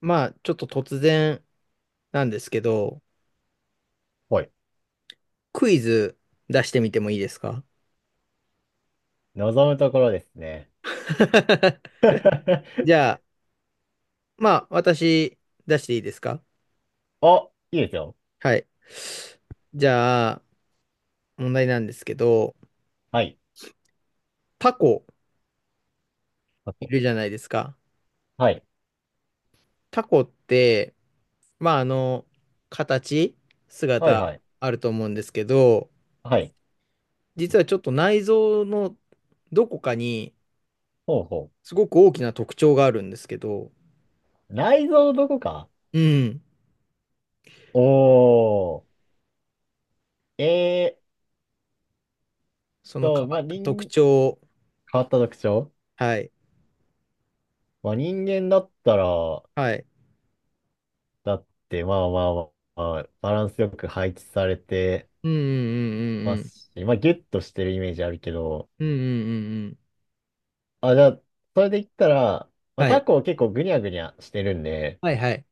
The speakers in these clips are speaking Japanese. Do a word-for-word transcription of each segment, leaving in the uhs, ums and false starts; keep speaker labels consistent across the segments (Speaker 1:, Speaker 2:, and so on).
Speaker 1: まあ、ちょっと突然なんですけど、
Speaker 2: はい。
Speaker 1: クイズ出してみてもいいですか？
Speaker 2: 望むところですね。
Speaker 1: じ ゃあ、まあ、私出していいですか？
Speaker 2: あ、いいですよ。
Speaker 1: はい。じゃあ、問題なんですけど、
Speaker 2: はい。
Speaker 1: タコ
Speaker 2: あ
Speaker 1: い
Speaker 2: と、
Speaker 1: るじゃないですか。
Speaker 2: はい。
Speaker 1: タコって、まあ、あの、形、
Speaker 2: はい
Speaker 1: 姿
Speaker 2: はい。
Speaker 1: あると思うんですけど、
Speaker 2: はい。
Speaker 1: 実はちょっと内臓のどこかに
Speaker 2: ほうほ
Speaker 1: すごく大きな特徴があるんですけど、
Speaker 2: う。内臓どこか。
Speaker 1: うん、
Speaker 2: おー。えーっ
Speaker 1: その変
Speaker 2: と、
Speaker 1: わ
Speaker 2: まあ、
Speaker 1: った特
Speaker 2: 人、
Speaker 1: 徴、
Speaker 2: 変わった特徴。
Speaker 1: はい。
Speaker 2: まあ、人間だったら、
Speaker 1: はい。
Speaker 2: だって、まあまあまあ、まあバランスよく配置されて
Speaker 1: うんう
Speaker 2: ま
Speaker 1: んうん
Speaker 2: すし、まあ、ギュッとしてるイメージあるけど、
Speaker 1: うんうん。うんうんうんうん。
Speaker 2: あ、じゃあ、それで言ったら、まあ、
Speaker 1: は
Speaker 2: タ
Speaker 1: い。
Speaker 2: コ結構グニャグニャしてるんで、
Speaker 1: はいはい。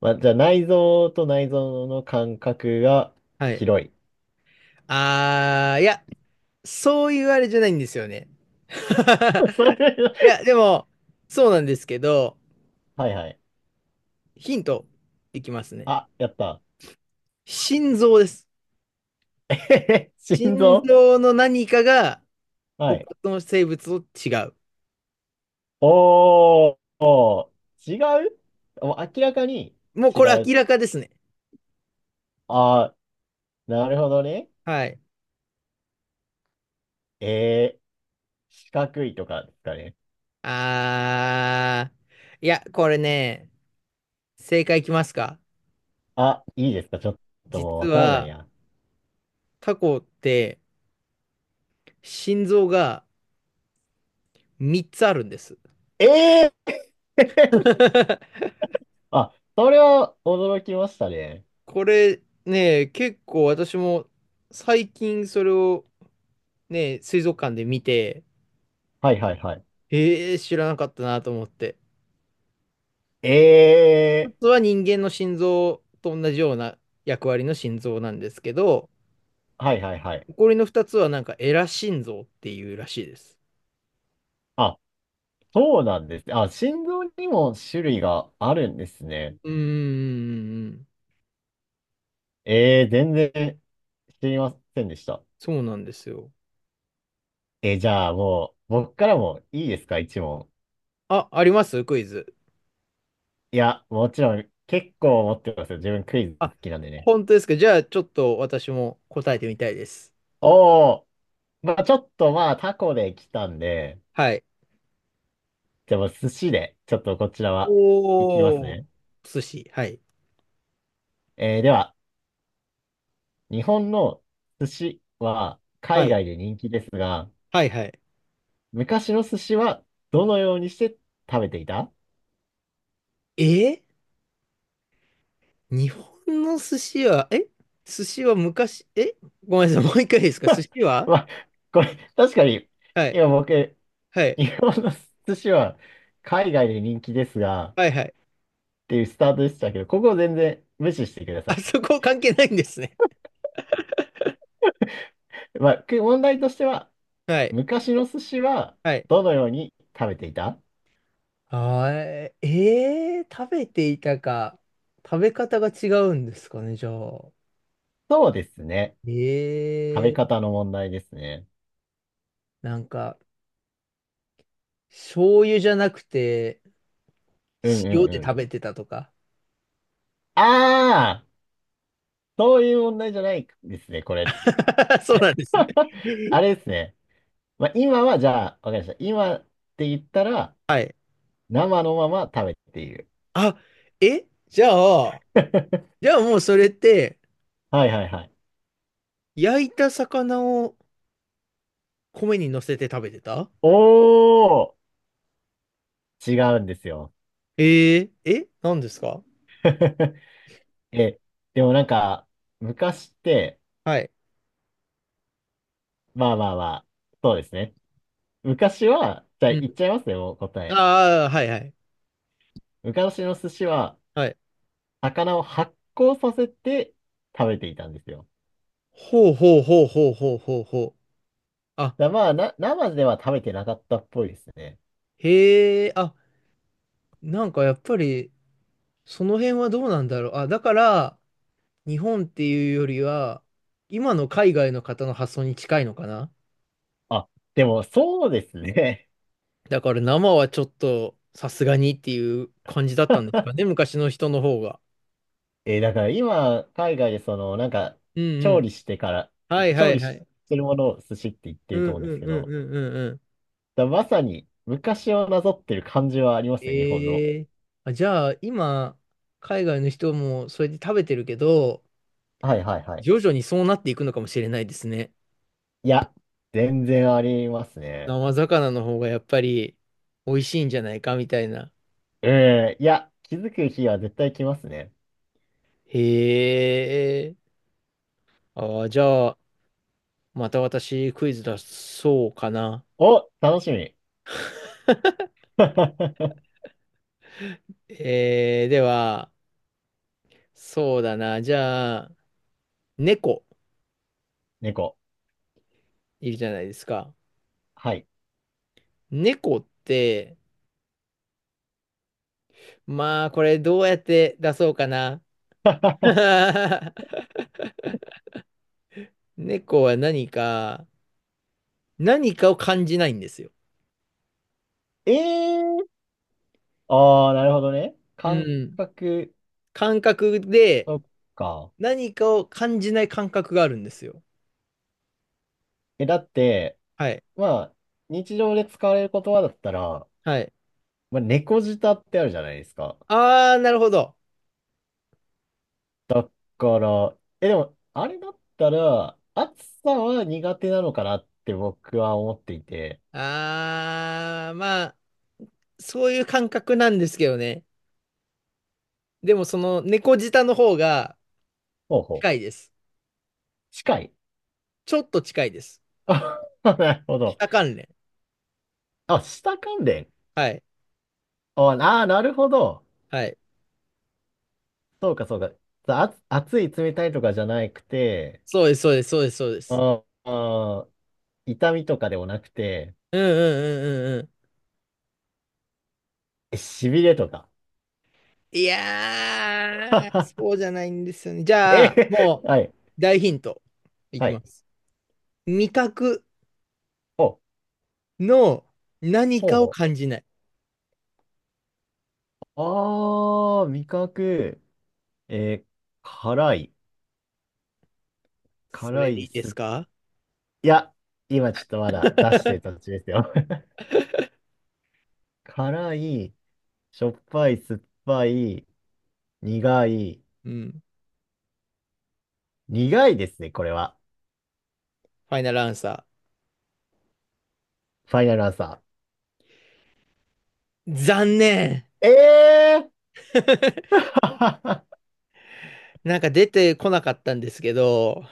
Speaker 2: まあ、じゃあ内臓と内臓の間隔が
Speaker 1: はい。
Speaker 2: 広い。
Speaker 1: あー、いや、そういうあれじゃないんですよね。
Speaker 2: それ、
Speaker 1: いや、でも、そうなんですけど、
Speaker 2: はいはい。
Speaker 1: ヒントいきますね。
Speaker 2: あ、やった。
Speaker 1: 心臓です。
Speaker 2: 心
Speaker 1: 心
Speaker 2: 臓、
Speaker 1: 臓の何かが
Speaker 2: は
Speaker 1: 他
Speaker 2: い。
Speaker 1: の生物と違う。
Speaker 2: おー、おー違う、もう明らかに
Speaker 1: もう
Speaker 2: 違
Speaker 1: これ明
Speaker 2: う。
Speaker 1: らかですね。
Speaker 2: あー、なるほどね。
Speaker 1: はい。
Speaker 2: えー、四角いとかですかね。
Speaker 1: あー、いや、これね、正解いきますか。
Speaker 2: あ、いいですか、ちょっともう
Speaker 1: 実
Speaker 2: わからない
Speaker 1: は、
Speaker 2: や。
Speaker 1: タコって心臓がみっつあるんです。
Speaker 2: えー、あ、それは驚きましたね。
Speaker 1: これね、結構私も最近それをね、水族館で見て、
Speaker 2: はいはいはい。
Speaker 1: えー、知らなかったなと思って。一
Speaker 2: え
Speaker 1: つは人間の心臓と同じような役割の心臓なんですけど、
Speaker 2: ー、はいはいはい。
Speaker 1: 残りのふたつはなんかエラ心臓っていうらしいです。
Speaker 2: あ、そうなんです。あ、心臓にも種類があるんですね。
Speaker 1: うーん、
Speaker 2: えー、全然知りませんでした。
Speaker 1: そうなんですよ。
Speaker 2: えー、じゃあもう、僕からもいいですか、いちもん。
Speaker 1: あ、ありますクイズ。
Speaker 2: いや、もちろん、結構持ってますよ。自分クイズ好
Speaker 1: あ、
Speaker 2: きなんでね。
Speaker 1: 本当ですか。じゃあちょっと私も答えてみたいです。
Speaker 2: おー、まあちょっとまあタコで来たんで、
Speaker 1: はい。
Speaker 2: じゃあもう寿司で、ちょっとこちらは、いきます
Speaker 1: おー、
Speaker 2: ね。
Speaker 1: 寿司。はい。
Speaker 2: えーでは、日本の寿司は
Speaker 1: は
Speaker 2: 海
Speaker 1: い。
Speaker 2: 外で人気ですが、
Speaker 1: はい、はい。
Speaker 2: 昔の寿司はどのようにして食べていた。
Speaker 1: えー日本の寿司は、え寿司は昔、えごめんなさい、もう一回いいですか寿司 は、
Speaker 2: まあ、これ、確かに、
Speaker 1: はい。
Speaker 2: 今僕、
Speaker 1: はい。
Speaker 2: 日本の寿司は海外で人気ですが、っ
Speaker 1: はい、はい。
Speaker 2: ていうスタートでしたけど、ここを全然無視してくださ
Speaker 1: あそ
Speaker 2: い。
Speaker 1: こ関係ないんですね。
Speaker 2: まあ、く問題としては、
Speaker 1: はい。
Speaker 2: 昔の寿司は
Speaker 1: はい。
Speaker 2: どのように食べていた。
Speaker 1: あー、えー、食べていたか。食べ方が違うんですかね、じゃあ。
Speaker 2: そうですね。食べ
Speaker 1: えー、
Speaker 2: 方の問題ですね。
Speaker 1: なんか、醤油じゃなくて、
Speaker 2: うんう
Speaker 1: 塩
Speaker 2: ん
Speaker 1: で
Speaker 2: う
Speaker 1: 食
Speaker 2: ん。
Speaker 1: べてたとか。
Speaker 2: ああ、そういう問題じゃないですね、これ。
Speaker 1: そうなんですね。
Speaker 2: あれですね。まあ、今はじゃあ、わかりました。今って言ったら、
Speaker 1: はい。
Speaker 2: 生のまま食べている。
Speaker 1: あ、えじゃあ、じゃあもうそれって、
Speaker 2: はいはいはい。
Speaker 1: 焼いた魚を米に乗せて食べてた、
Speaker 2: おー、違うんですよ。
Speaker 1: えー、え何ですか？
Speaker 2: え、でもなんか、昔って、
Speaker 1: はい。
Speaker 2: まあまあまあ、そうですね。昔は、じゃあ
Speaker 1: うん。
Speaker 2: 言っちゃいますね、もう答え。
Speaker 1: ああ、はいはい。
Speaker 2: 昔の寿司は、
Speaker 1: はい。
Speaker 2: 魚を発酵させて食べていたんですよ。
Speaker 1: ほうほうほうほうほうほうほう。あ、
Speaker 2: だまあな、生では食べてなかったっぽいですね。
Speaker 1: へえ、あ、なんかやっぱり、その辺はどうなんだろう。あ、だから、日本っていうよりは、今の海外の方の発想に近いのかな。
Speaker 2: あ、でもそうですね。
Speaker 1: だから生はちょっと、さすがにっていう感じだったんです かね、昔の人の方が。
Speaker 2: えー、だから今、海外でその、なんか、
Speaker 1: うんう
Speaker 2: 調
Speaker 1: ん。
Speaker 2: 理してから、
Speaker 1: はいは
Speaker 2: 調
Speaker 1: い
Speaker 2: 理
Speaker 1: は
Speaker 2: し
Speaker 1: い。
Speaker 2: てるものを寿司って言って
Speaker 1: う
Speaker 2: る
Speaker 1: ん
Speaker 2: と思うん
Speaker 1: う
Speaker 2: です
Speaker 1: ん
Speaker 2: け
Speaker 1: うんう
Speaker 2: ど、
Speaker 1: んうんうん。
Speaker 2: だまさに昔をなぞってる感じはありますね、日本の。
Speaker 1: ええ、あ、じゃあ、今、海外の人もそれで食べてるけど、
Speaker 2: はいはいはい。
Speaker 1: 徐々にそうなっていくのかもしれないですね。
Speaker 2: いや、全然ありますね。
Speaker 1: 生魚の方がやっぱり美味しいんじゃないかみたいな。
Speaker 2: うん、いや、気づく日は絶対来ますね。
Speaker 1: へえ。ああ、じゃあ、また私クイズ出そうかな。
Speaker 2: お、楽しみ。
Speaker 1: えー、では、そうだな。じゃあ、猫
Speaker 2: 猫。
Speaker 1: いるじゃないですか。
Speaker 2: はい。
Speaker 1: 猫って、まあ、これどうやって出そうかな。猫は何か、何かを感じないんですよ。
Speaker 2: えー、ああ、なるほどね。
Speaker 1: う
Speaker 2: 感
Speaker 1: ん。
Speaker 2: 覚、
Speaker 1: 感覚で
Speaker 2: そっか。
Speaker 1: 何かを感じない感覚があるんですよ。
Speaker 2: え、だって、
Speaker 1: はい。
Speaker 2: まあ、日常で使われる言葉だったら、
Speaker 1: はい。
Speaker 2: まあ、猫舌ってあるじゃないですか。
Speaker 1: ああ、なるほど。
Speaker 2: から、え、でも、あれだったら、暑さは苦手なのかなって僕は思っていて。
Speaker 1: ああ、まあ、そういう感覚なんですけどね。でもその猫舌の方が
Speaker 2: ほうほ
Speaker 1: 近い
Speaker 2: う。
Speaker 1: です。
Speaker 2: 近い。
Speaker 1: ちょっと近いです。
Speaker 2: あ、なるほど。
Speaker 1: 舌関連。
Speaker 2: あ、下関連。
Speaker 1: はい。
Speaker 2: あ、あ、なるほど。
Speaker 1: はい。
Speaker 2: そうか、そうか。あ、暑い、冷たいとかじゃなくて、
Speaker 1: そうです、そうです、そうです、そうです。
Speaker 2: ああ、痛みとかでもなくて、
Speaker 1: うんうんうんうんうん。
Speaker 2: え、しびれとか。
Speaker 1: いやー、そ うじゃないんですよね。じゃあ、
Speaker 2: え、
Speaker 1: もう、
Speaker 2: はい、
Speaker 1: 大ヒントい
Speaker 2: は
Speaker 1: きま
Speaker 2: い。
Speaker 1: す。味覚
Speaker 2: ほう、
Speaker 1: の何
Speaker 2: ほう
Speaker 1: かを
Speaker 2: ほう。
Speaker 1: 感じない。
Speaker 2: ああ、味覚。えー辛い。
Speaker 1: そ
Speaker 2: 辛
Speaker 1: れでい
Speaker 2: い、
Speaker 1: いで
Speaker 2: 酸
Speaker 1: す
Speaker 2: っ、
Speaker 1: か？
Speaker 2: いや、今ちょっとまだ出してる途 中ですよ。辛い、しょっぱい、酸っぱい、苦い、
Speaker 1: うん。
Speaker 2: 苦いですね、これは。
Speaker 1: ファイナルアンサ
Speaker 2: ファイナルアンサ
Speaker 1: ー。残念。
Speaker 2: ー。ええー。
Speaker 1: なんか出てこなかったんですけど、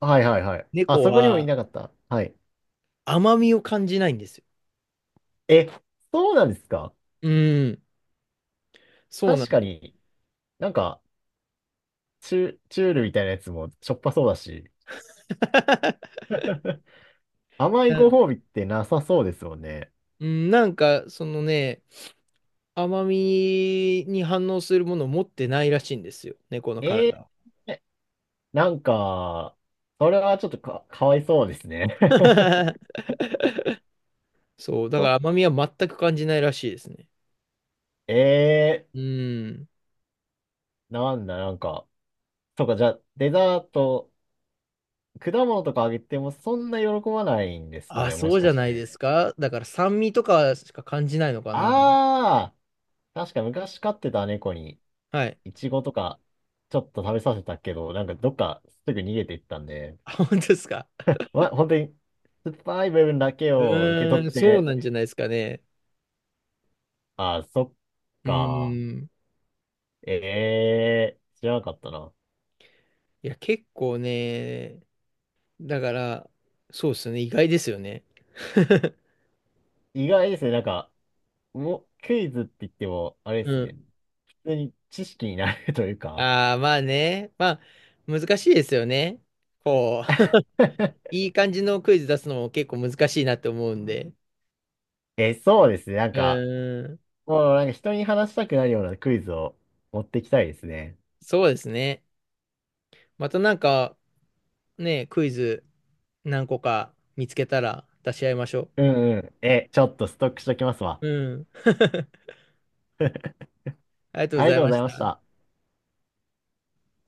Speaker 2: はいはいはい。あ、
Speaker 1: 猫
Speaker 2: そこにもい
Speaker 1: は
Speaker 2: なかった。はい。
Speaker 1: 甘みを感じないんですよ。
Speaker 2: え、そうなんですか。
Speaker 1: うん。そうなん
Speaker 2: 確か
Speaker 1: です。
Speaker 2: に、なんか、チュ、チュールみたいなやつもしょっぱそうだし、甘いご褒美ってなさそうですもんね。
Speaker 1: うん、なんか、そのね、甘みに反応するものを持ってないらしいんですよ、猫の
Speaker 2: え
Speaker 1: 体
Speaker 2: ー、
Speaker 1: は。
Speaker 2: なんか、それはちょっとか、かわいそうですね。
Speaker 1: そう、だか
Speaker 2: そ
Speaker 1: ら甘みは全く感じないらしいですね。
Speaker 2: え、え、
Speaker 1: うん。
Speaker 2: なんだ、なんか。そうか、じゃあ、デザート、果物とかあげてもそんな喜ばないんですか
Speaker 1: あ、
Speaker 2: ね、も
Speaker 1: そ
Speaker 2: し
Speaker 1: うじ
Speaker 2: か
Speaker 1: ゃ
Speaker 2: し
Speaker 1: ないで
Speaker 2: て。
Speaker 1: すか。だから酸味とかしか感じないのかな。
Speaker 2: ああ、確か昔飼ってた猫に、
Speaker 1: はい。
Speaker 2: イチゴとか、ちょっと食べさせたけど、なんかどっかすぐ逃げていったんで、
Speaker 1: あ、本当ですか。
Speaker 2: ま、本当に、酸っぱい部分だけ
Speaker 1: う
Speaker 2: を受け取
Speaker 1: ー
Speaker 2: っ
Speaker 1: ん、そう
Speaker 2: て、
Speaker 1: なんじゃないですかね。
Speaker 2: ああ、そっ
Speaker 1: う
Speaker 2: か。
Speaker 1: ーん。
Speaker 2: ええ、知らなかったな。
Speaker 1: いや、結構ね、だから、そうですね、意外ですよね。
Speaker 2: 意外ですね、なんか、もう、クイズって言っても、あれ
Speaker 1: う
Speaker 2: です
Speaker 1: ん。
Speaker 2: ね、普通に知識になるというか、
Speaker 1: ああ、まあね。まあ、難しいですよね。こう、いい感じのクイズ出すのも結構難しいなって思うんで。
Speaker 2: え、そうですね。なん
Speaker 1: う
Speaker 2: か、
Speaker 1: ーん、
Speaker 2: もうなんか人に話したくなるようなクイズを持ってきたいですね。
Speaker 1: そうですね。またなんか、ね、クイズ何個か見つけたら出し合いましょ
Speaker 2: うんうん。え、ちょっとストックしときますわ。
Speaker 1: う。うん。ありがとう
Speaker 2: あ
Speaker 1: ご
Speaker 2: り
Speaker 1: ざい
Speaker 2: がとう
Speaker 1: ま
Speaker 2: ござ
Speaker 1: し
Speaker 2: いまし
Speaker 1: た。
Speaker 2: た。